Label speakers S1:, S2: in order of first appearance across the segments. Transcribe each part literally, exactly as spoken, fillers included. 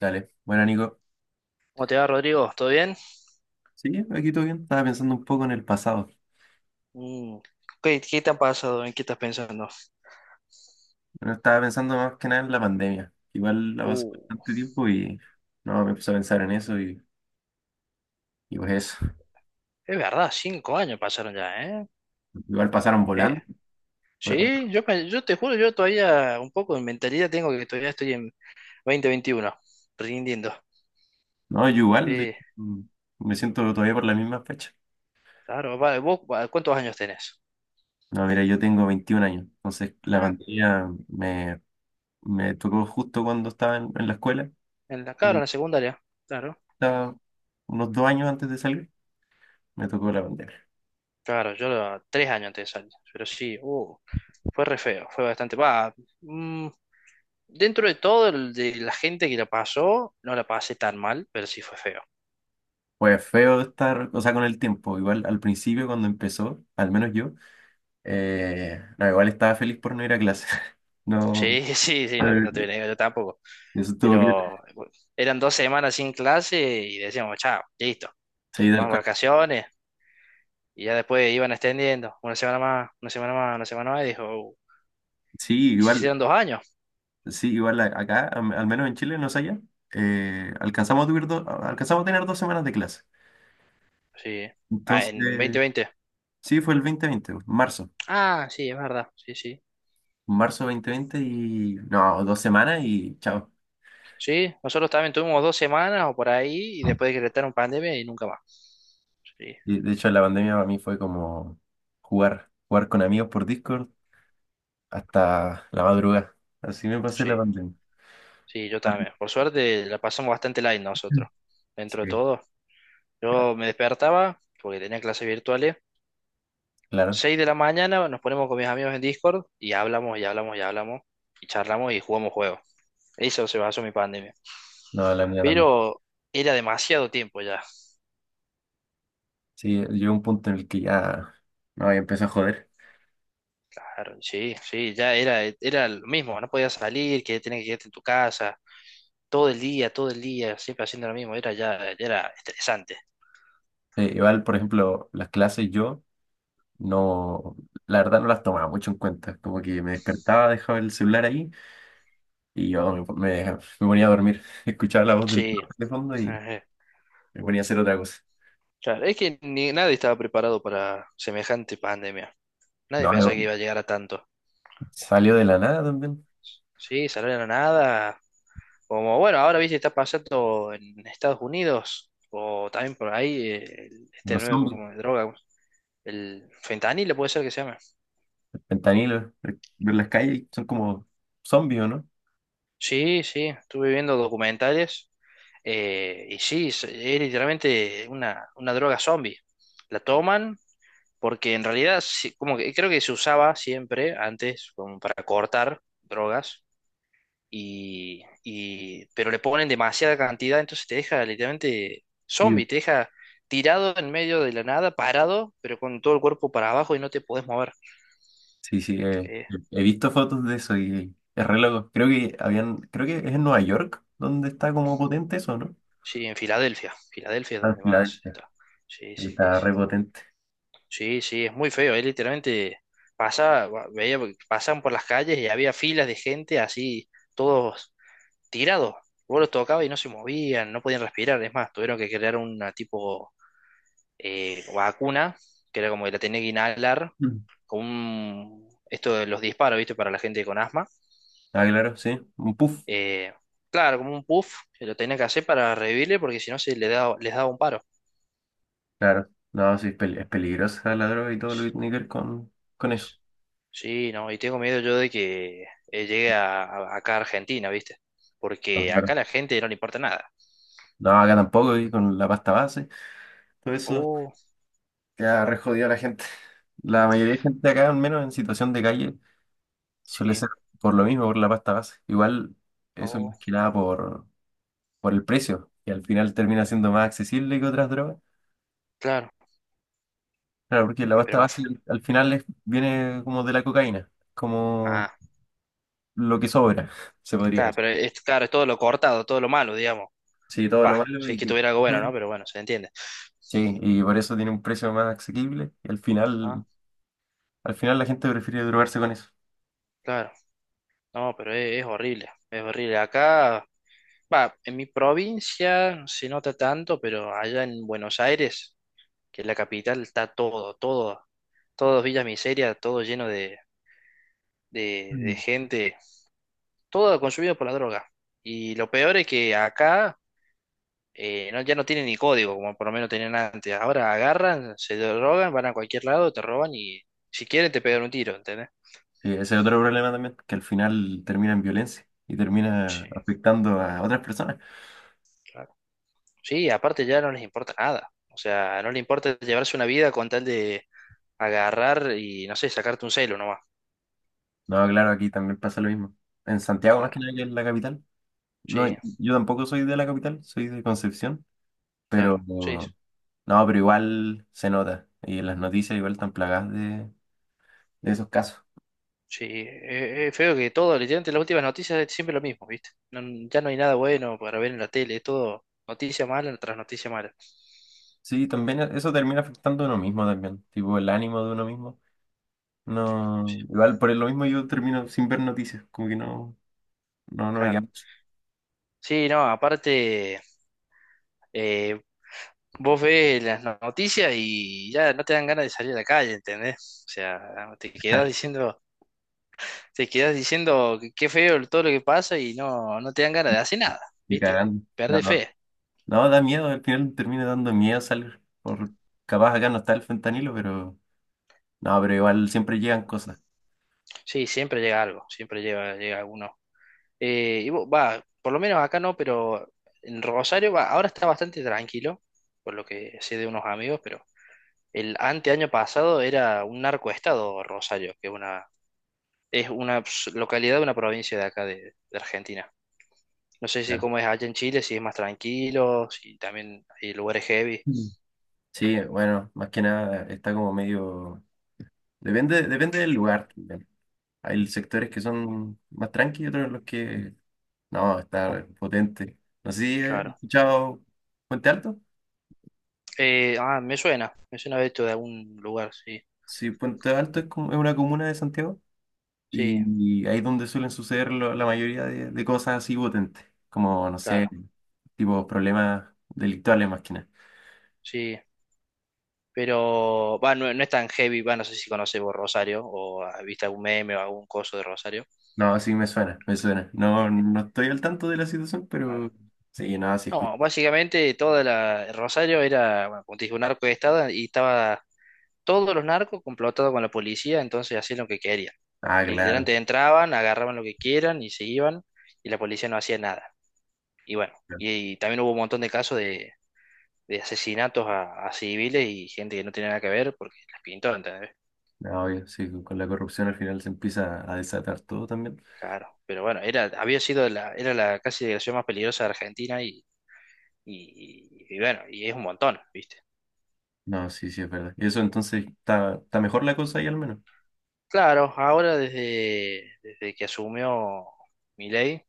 S1: Dale, bueno, Nico.
S2: ¿Cómo te va, Rodrigo? ¿Todo bien?
S1: Sí, aquí todo bien. Estaba pensando un poco en el pasado.
S2: Mm, ¿Qué, qué te ha pasado? ¿En qué estás pensando?
S1: Bueno, estaba pensando más que nada en la pandemia. Igual la pasó
S2: Uh,
S1: bastante tiempo y no, me empecé a pensar en eso y, y pues eso.
S2: es verdad, cinco años pasaron ya, ¿eh?
S1: Igual pasaron
S2: Eh,
S1: volando, ¿verdad?
S2: sí, yo, pe- yo te juro, yo todavía un poco de mentalidad tengo que todavía estoy en dos mil veintiuno, rindiendo.
S1: No, yo igual, de
S2: Sí,
S1: hecho, mm, me siento todavía por la misma fecha.
S2: claro, va, ¿vos va, ¿cuántos años tenés?
S1: No, mira, yo tengo veintiún años, entonces la
S2: Ah,
S1: pandemia me, me tocó justo cuando estaba en, en la escuela.
S2: en la, claro, en la secundaria, claro.
S1: Estaba unos dos años antes de salir, me tocó la pandemia.
S2: Claro, yo lo- tres años antes de salir, pero sí, uh, fue re feo, fue bastante. Va, mm, Dentro de todo, el- de la gente que la pasó, no la pasé tan mal, pero sí fue feo.
S1: Pues feo estar, o sea, con el tiempo. Igual al principio cuando empezó, al menos yo. Eh, no, igual estaba feliz por no ir a clase. No,
S2: Sí, sí, sí, no,
S1: eh,
S2: no te voy a negar, yo tampoco.
S1: eso estuvo bien.
S2: Pero bueno, eran dos semanas sin clase y decíamos, chao, listo,
S1: Sí, tal
S2: más
S1: cual.
S2: vacaciones. Y ya después iban extendiendo, una semana más, una semana más, una semana más, y dijo, "Uh,
S1: Sí,
S2: y se
S1: igual,
S2: hicieron dos años,
S1: sí, igual a- acá, am- al menos en Chile, no sé allá, eh, alcanzamos a tuvir do- alcanzamos a tener dos semanas de clase.
S2: sí, ah, en
S1: Entonces,
S2: dos mil veinte.
S1: sí, fue el dos mil veinte, marzo.
S2: Ah, sí, es verdad, sí, sí.
S1: Marzo dos mil veinte y, no, dos semanas y chao.
S2: Sí, nosotros también tuvimos dos semanas o por ahí, y después decretaron pandemia y nunca más. Sí,
S1: Y, de hecho, la pandemia para mí fue como jugar, jugar con amigos por Discord hasta la madrugada. Así me pasé la
S2: sí,
S1: pandemia.
S2: sí, yo también. Por suerte la pasamos bastante light nosotros, dentro de
S1: Sí,
S2: todo.
S1: ya,
S2: Yo me despertaba porque tenía clases virtuales.
S1: claro.
S2: Seis de la mañana nos ponemos con mis amigos en Discord y hablamos y hablamos y hablamos y charlamos y jugamos juegos. Eso se basó mi pandemia.
S1: No, la mía también.
S2: Pero era demasiado tiempo ya.
S1: Sí, llegó un punto en el que ya, no, ya empecé a joder.
S2: Sí, sí, ya era, era lo mismo. No podías salir, que tenías que quedarte en tu casa. Todo el día, todo el día, siempre haciendo lo mismo. Era ya, ya era estresante.
S1: Eh, igual, por ejemplo, las clases yo no, la verdad no las tomaba mucho en cuenta. Como que me despertaba, dejaba el celular ahí y yo me, me- me ponía a dormir. Escuchaba la voz del
S2: Sí.
S1: profe de fondo y
S2: Ajá.
S1: me ponía a hacer otra cosa.
S2: Claro, es que ni, nadie estaba preparado para semejante pandemia. Nadie
S1: No,
S2: pensaba que
S1: yo-
S2: iba a llegar a tanto.
S1: salió de la nada también.
S2: Sí, salir a la nada, como bueno, ahora viste, está pasando en Estados Unidos, o también por ahí, eh, el- este
S1: Los
S2: nuevo
S1: zombies,
S2: como de droga, el fentanilo puede ser que se llame.
S1: fentanilo, ver las calles son como zombies, ¿o no?
S2: Sí, sí, estuve viendo documentales, eh, y sí, es, es literalmente una, una droga zombie. La toman porque en realidad, sí, como que creo que se usaba siempre antes como para cortar drogas, y, y- pero le ponen demasiada cantidad, entonces te deja literalmente zombie, te deja tirado en medio de la nada, parado, pero con todo el cuerpo para abajo y no te podés mover.
S1: Sí, sí, eh,
S2: Eh,
S1: he visto fotos de eso y es re loco. Creo que habían, creo que es en Nueva York donde está como potente eso, ¿no?
S2: sí, en Filadelfia, Filadelfia es
S1: Ah, en
S2: donde más
S1: Filadelfia.
S2: está. Sí, sí, sí.
S1: Está re potente.
S2: Sí, sí, es muy feo, eh, literalmente pasaba, va- veía, pasaban por las calles y había filas de gente así, todos tirados. Vos los tocabas y no se movían, no podían respirar, es más, tuvieron que crear una tipo eh, vacuna, que era como que la tenía que inhalar
S1: Mm.
S2: con un, esto de los disparos, ¿viste? Para la gente con asma.
S1: Ah, claro, sí. Un puff.
S2: Eh, claro, como un puff, que lo tenía que hacer para revivirle porque si no se le da, les daba un paro.
S1: Claro. No, sí, es, pel- es peligrosa la droga y todo lo que tiene que ver con, con eso.
S2: Sí, no, y tengo miedo yo de que eh, llegue a, a- acá a Argentina, ¿viste?
S1: Ah,
S2: Porque
S1: claro.
S2: acá a la gente no le importa nada.
S1: No, acá tampoco, y con la pasta base. Todo eso
S2: Oh,
S1: que ha re jodido a la gente. La mayoría de gente acá, al menos en situación de calle, suele
S2: sí,
S1: ser por lo mismo, por la pasta base. Igual, eso es
S2: oh,
S1: más que nada por por el precio, que al final termina siendo más accesible que otras drogas.
S2: claro,
S1: Claro, porque la
S2: y pero
S1: pasta base
S2: más-
S1: al al final es- viene como de la cocaína, como
S2: ah,
S1: lo que sobra, se podría
S2: claro,
S1: decir.
S2: pero es, claro, es todo lo cortado, todo lo malo, digamos.
S1: Sí, todo
S2: Pa,
S1: lo malo
S2: si es
S1: y
S2: que
S1: que,
S2: tuviera algo bueno, ¿no?
S1: bueno,
S2: Pero bueno, se entiende.
S1: sí, y por eso tiene un precio más asequible y al
S2: Ah,
S1: final, al final la gente prefiere drogarse con eso.
S2: claro. No, pero es, es horrible, es horrible. Acá, va, en mi provincia se nota tanto, pero allá en Buenos Aires, que es la capital, está todo, todo, todo Villa Miseria, todo lleno de, de, de
S1: Mm.
S2: gente, todo consumido por la droga. Y lo peor es que acá eh, no, ya no tienen ni código, como por lo menos tenían antes. Ahora agarran, se drogan, van a cualquier lado, te roban y si quieren te pegan un tiro, ¿entendés?
S1: Sí, ese es otro problema también, que al final termina en violencia y termina
S2: Sí.
S1: afectando a otras personas.
S2: Claro. Sí, aparte ya no les importa nada. O sea, no les importa llevarse una vida con tal de agarrar y, no sé, sacarte un celo nomás.
S1: No, claro, aquí también pasa lo mismo. En Santiago, más
S2: Claro,
S1: que nada, que es la capital. No,
S2: sí,
S1: yo tampoco soy de la capital, soy de Concepción. Pero
S2: claro, sí,
S1: no, pero igual se nota. Y las noticias igual están plagadas de, de esos casos.
S2: sí. Eh, eh, feo que todo, literalmente las últimas noticias es siempre lo mismo, ¿viste? No- ya no hay nada bueno para ver en la tele, es todo noticia mala tras noticia mala.
S1: Sí, también e, eso termina afectando a uno mismo también. Tipo el ánimo de uno mismo. No, igual por lo mismo yo termino sin ver noticias. Como que no, no, no me queda
S2: Claro. Sí, no, aparte, eh, vos ves las no- noticias y ya no te dan ganas de salir a la calle, ¿entendés? O sea, te quedás diciendo. Te quedas diciendo que qué feo todo lo que pasa y no, no te dan ganas de hacer nada,
S1: ni
S2: ¿viste?
S1: cagando. No,
S2: Perde fe.
S1: no, da miedo, al final termina dando miedo salir. Por, capaz acá no está el fentanilo, pero no, pero igual siempre llegan cosas.
S2: Sí, siempre llega algo, siempre llega, llega alguno. Eh, y vo- va, por lo menos acá no, pero en Rosario va, ahora está bastante tranquilo, por lo que sé de unos amigos, pero el anteaño pasado era un narcoestado Rosario, que es una, es una s- localidad de una provincia de acá de, de Argentina. No sé si
S1: Ya.
S2: cómo es allá en Chile, si es más tranquilo, si también hay lugares heavy.
S1: Mm. Sí, bueno, más que nada está como medio. Depende, depende del lugar también. Hay sectores que son más tranquilos, otros en los que no, está potente. No sé si he
S2: Claro.
S1: escuchado Puente Alto.
S2: Eh, ah, me suena, me suena haber visto de algún lugar, sí,
S1: Sí, Puente Alto es, como, es una comuna de Santiago
S2: sí,
S1: y ahí es donde suelen suceder lo- la mayoría de, de cosas así potentes, como, no sé,
S2: claro,
S1: tipo problemas delictuales más que nada.
S2: sí, pero va, no, no es tan heavy, va, no sé si conoces vos Rosario o has visto algún meme o algún coso de Rosario,
S1: No, sí me suena, me suena.
S2: sí,
S1: No, no estoy al tanto de la situación,
S2: claro.
S1: pero sí, no, sí escucho.
S2: No, básicamente toda la Rosario era, bueno, como te dije, un narco de estado y estaba todos los narcos complotados con la policía, entonces hacían lo que querían.
S1: Ah, claro.
S2: Literalmente entraban, agarraban lo que quieran y se iban y la policía no hacía nada. Y bueno,
S1: Claro.
S2: y, y también hubo un montón de casos de de asesinatos a, a civiles y gente que no tenía nada que ver porque les pintó, ¿entendés?
S1: No, obvio, sí, con la corrupción al final se empieza a desatar todo también.
S2: Claro, pero bueno, era, había sido la, era la casi delegación más peligrosa de Argentina y, y, y bueno, y es un montón, ¿viste?
S1: No, sí, sí, es verdad. Y eso entonces está, está mejor la cosa ahí al menos.
S2: Claro, ahora desde, desde que asumió Milei,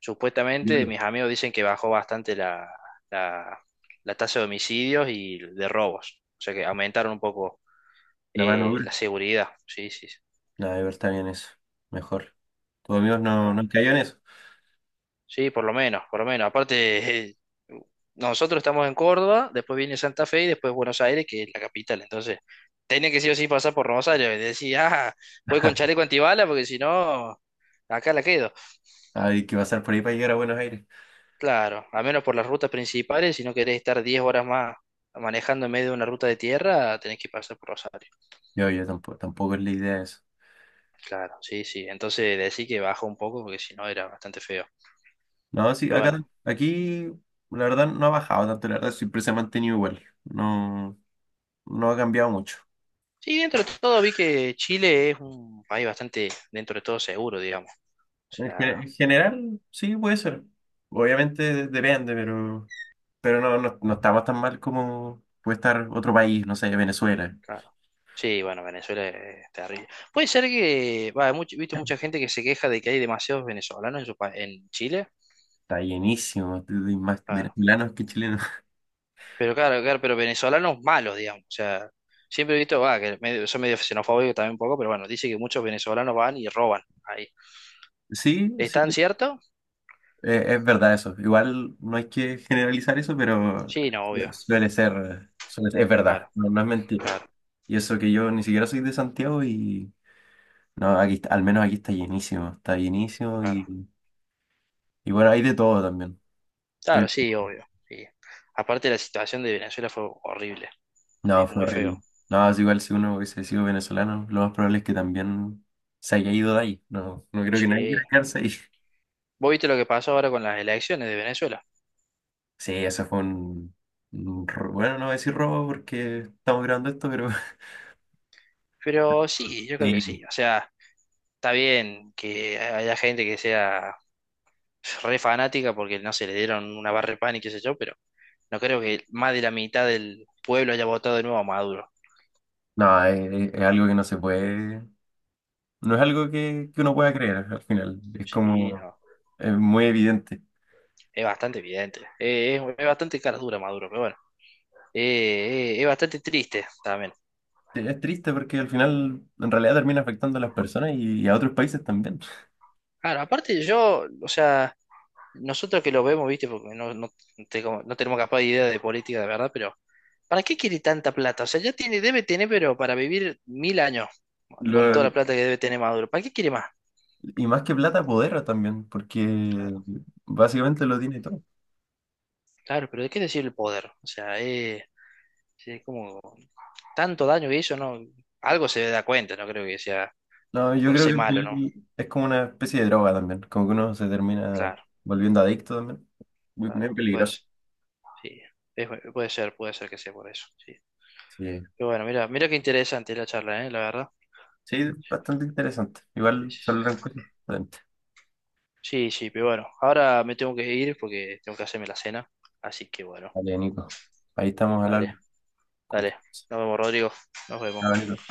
S2: supuestamente
S1: Claro.
S2: mis amigos dicen que bajó bastante la, la, la tasa de homicidios y de robos, o sea que aumentaron un poco
S1: La mano
S2: eh,
S1: dura.
S2: la seguridad, sí, sí, sí.
S1: Nada, de verdad está bien eso. Mejor. Tus amigos no, no
S2: Ah,
S1: han en eso.
S2: sí, por lo menos, por lo menos. Aparte, eh, nosotros estamos en Córdoba, después viene Santa Fe y después Buenos Aires, que es la capital. Entonces, tenía que sí o sí pasar por Buenos Aires. Decía, ah, voy con chaleco antibala porque si no, acá la quedo.
S1: Hay que pasar por ahí para llegar a Buenos Aires.
S2: Claro, al menos por las rutas principales, si no querés estar diez horas más manejando en medio de una ruta de tierra, tenés que pasar por Rosario.
S1: Yo, yo tampoco, tampoco es la idea eso.
S2: Claro, sí, sí. Entonces, decí que bajó un poco porque si no, era bastante feo.
S1: No, sí,
S2: Pero
S1: acá,
S2: bueno,
S1: aquí, la verdad no ha bajado tanto, la verdad siempre se ha mantenido igual. No, no ha cambiado mucho.
S2: sí, dentro de todo vi que Chile es un país bastante, dentro de todo, seguro, digamos. O
S1: En, gen-
S2: sea,
S1: en general, sí, puede ser. Obviamente depende, pero, pero no, no, no estamos tan mal como puede estar otro país, no sé, Venezuela.
S2: claro. Sí, bueno, Venezuela es terrible. Puede ser que, va, hay much- viste mucha gente que se queja de que hay demasiados venezolanos en su pa- en Chile,
S1: Está llenísimo, hay más
S2: claro.
S1: venezolanos que chilenos.
S2: Pero claro, claro, pero venezolanos malos, digamos. O sea, siempre he visto, va, que medio, son medio xenofóbicos también un poco, pero bueno, dice que muchos venezolanos van y roban ahí.
S1: Sí,
S2: ¿Es
S1: sí,
S2: tan cierto?
S1: eh, es verdad eso. Igual no hay que generalizar eso, pero
S2: Sí, no, obvio.
S1: bueno, suele ser, suele ser- es verdad,
S2: Claro,
S1: no, no es mentira.
S2: claro,
S1: Y eso que yo ni siquiera soy de Santiago y no, aquí está- al menos aquí está llenísimo, está llenísimo
S2: claro.
S1: y, y bueno, hay de todo también.
S2: Claro,
S1: Pero
S2: sí, obvio. Sí. Aparte la situación de Venezuela fue horrible.
S1: no,
S2: Es
S1: fue
S2: muy feo.
S1: horrible. No, es igual si uno hubiese sido venezolano, lo más probable es que también se haya ido de ahí. No, no creo que nadie quiera
S2: Sí.
S1: quedarse ahí.
S2: ¿Vos viste lo que pasó ahora con las elecciones de Venezuela?
S1: Sí, eso fue un, un ro- Bueno, no voy a decir robo porque estamos grabando esto, pero...
S2: Pero sí, yo creo que sí.
S1: Sí.
S2: O sea, está bien que haya gente que sea re fanática porque no se le dieron una barra de pan y qué sé yo, pero no creo que más de la mitad del pueblo haya votado de nuevo a Maduro.
S1: No, es, es algo que no se puede... No es algo que, que uno pueda creer al final. Es
S2: Sí,
S1: como...
S2: no.
S1: Es muy evidente.
S2: Es bastante evidente. Eh, es, es bastante cara dura Maduro, pero bueno. Eh, eh, es bastante triste también.
S1: Sí, es triste porque al final en realidad termina afectando a las personas y, y a otros países también.
S2: Claro, aparte yo, o sea, nosotros que lo vemos, viste, porque no, no, te- no tenemos capaz de idea de política de verdad, pero ¿para qué quiere tanta plata? O sea, ya tiene, debe tener, pero para vivir mil años, con toda la
S1: Lo-
S2: plata que debe tener Maduro. ¿Para qué quiere más?
S1: y más que plata, poder también, porque
S2: Claro,
S1: básicamente lo tiene todo.
S2: claro, pero hay que decir el poder. O sea, eh, es como tanto daño que hizo, no, algo se da cuenta, no creo que sea
S1: No, yo
S2: por
S1: creo
S2: ser
S1: que al
S2: malo, ¿no?
S1: final es como una especie de droga también, como que uno se termina
S2: Claro,
S1: volviendo adicto también. Muy, muy
S2: claro,
S1: peligroso.
S2: pues, sí, Es- puede ser, puede ser que sea por eso, sí.
S1: Sí.
S2: Pero bueno, mira, mira qué interesante la charla, ¿eh? La verdad.
S1: Sí, bastante interesante.
S2: Sí,
S1: Igual
S2: sí, sí.
S1: saldrán cosas.
S2: Sí, sí, pero bueno, ahora me tengo que ir porque tengo que hacerme la cena, así que bueno,
S1: Vale, Nico. Ahí estamos al
S2: dale.
S1: habla. Cualquier
S2: Dale,
S1: cosa.
S2: nos vemos, Rodrigo. Nos vemos.
S1: Chao, Nico.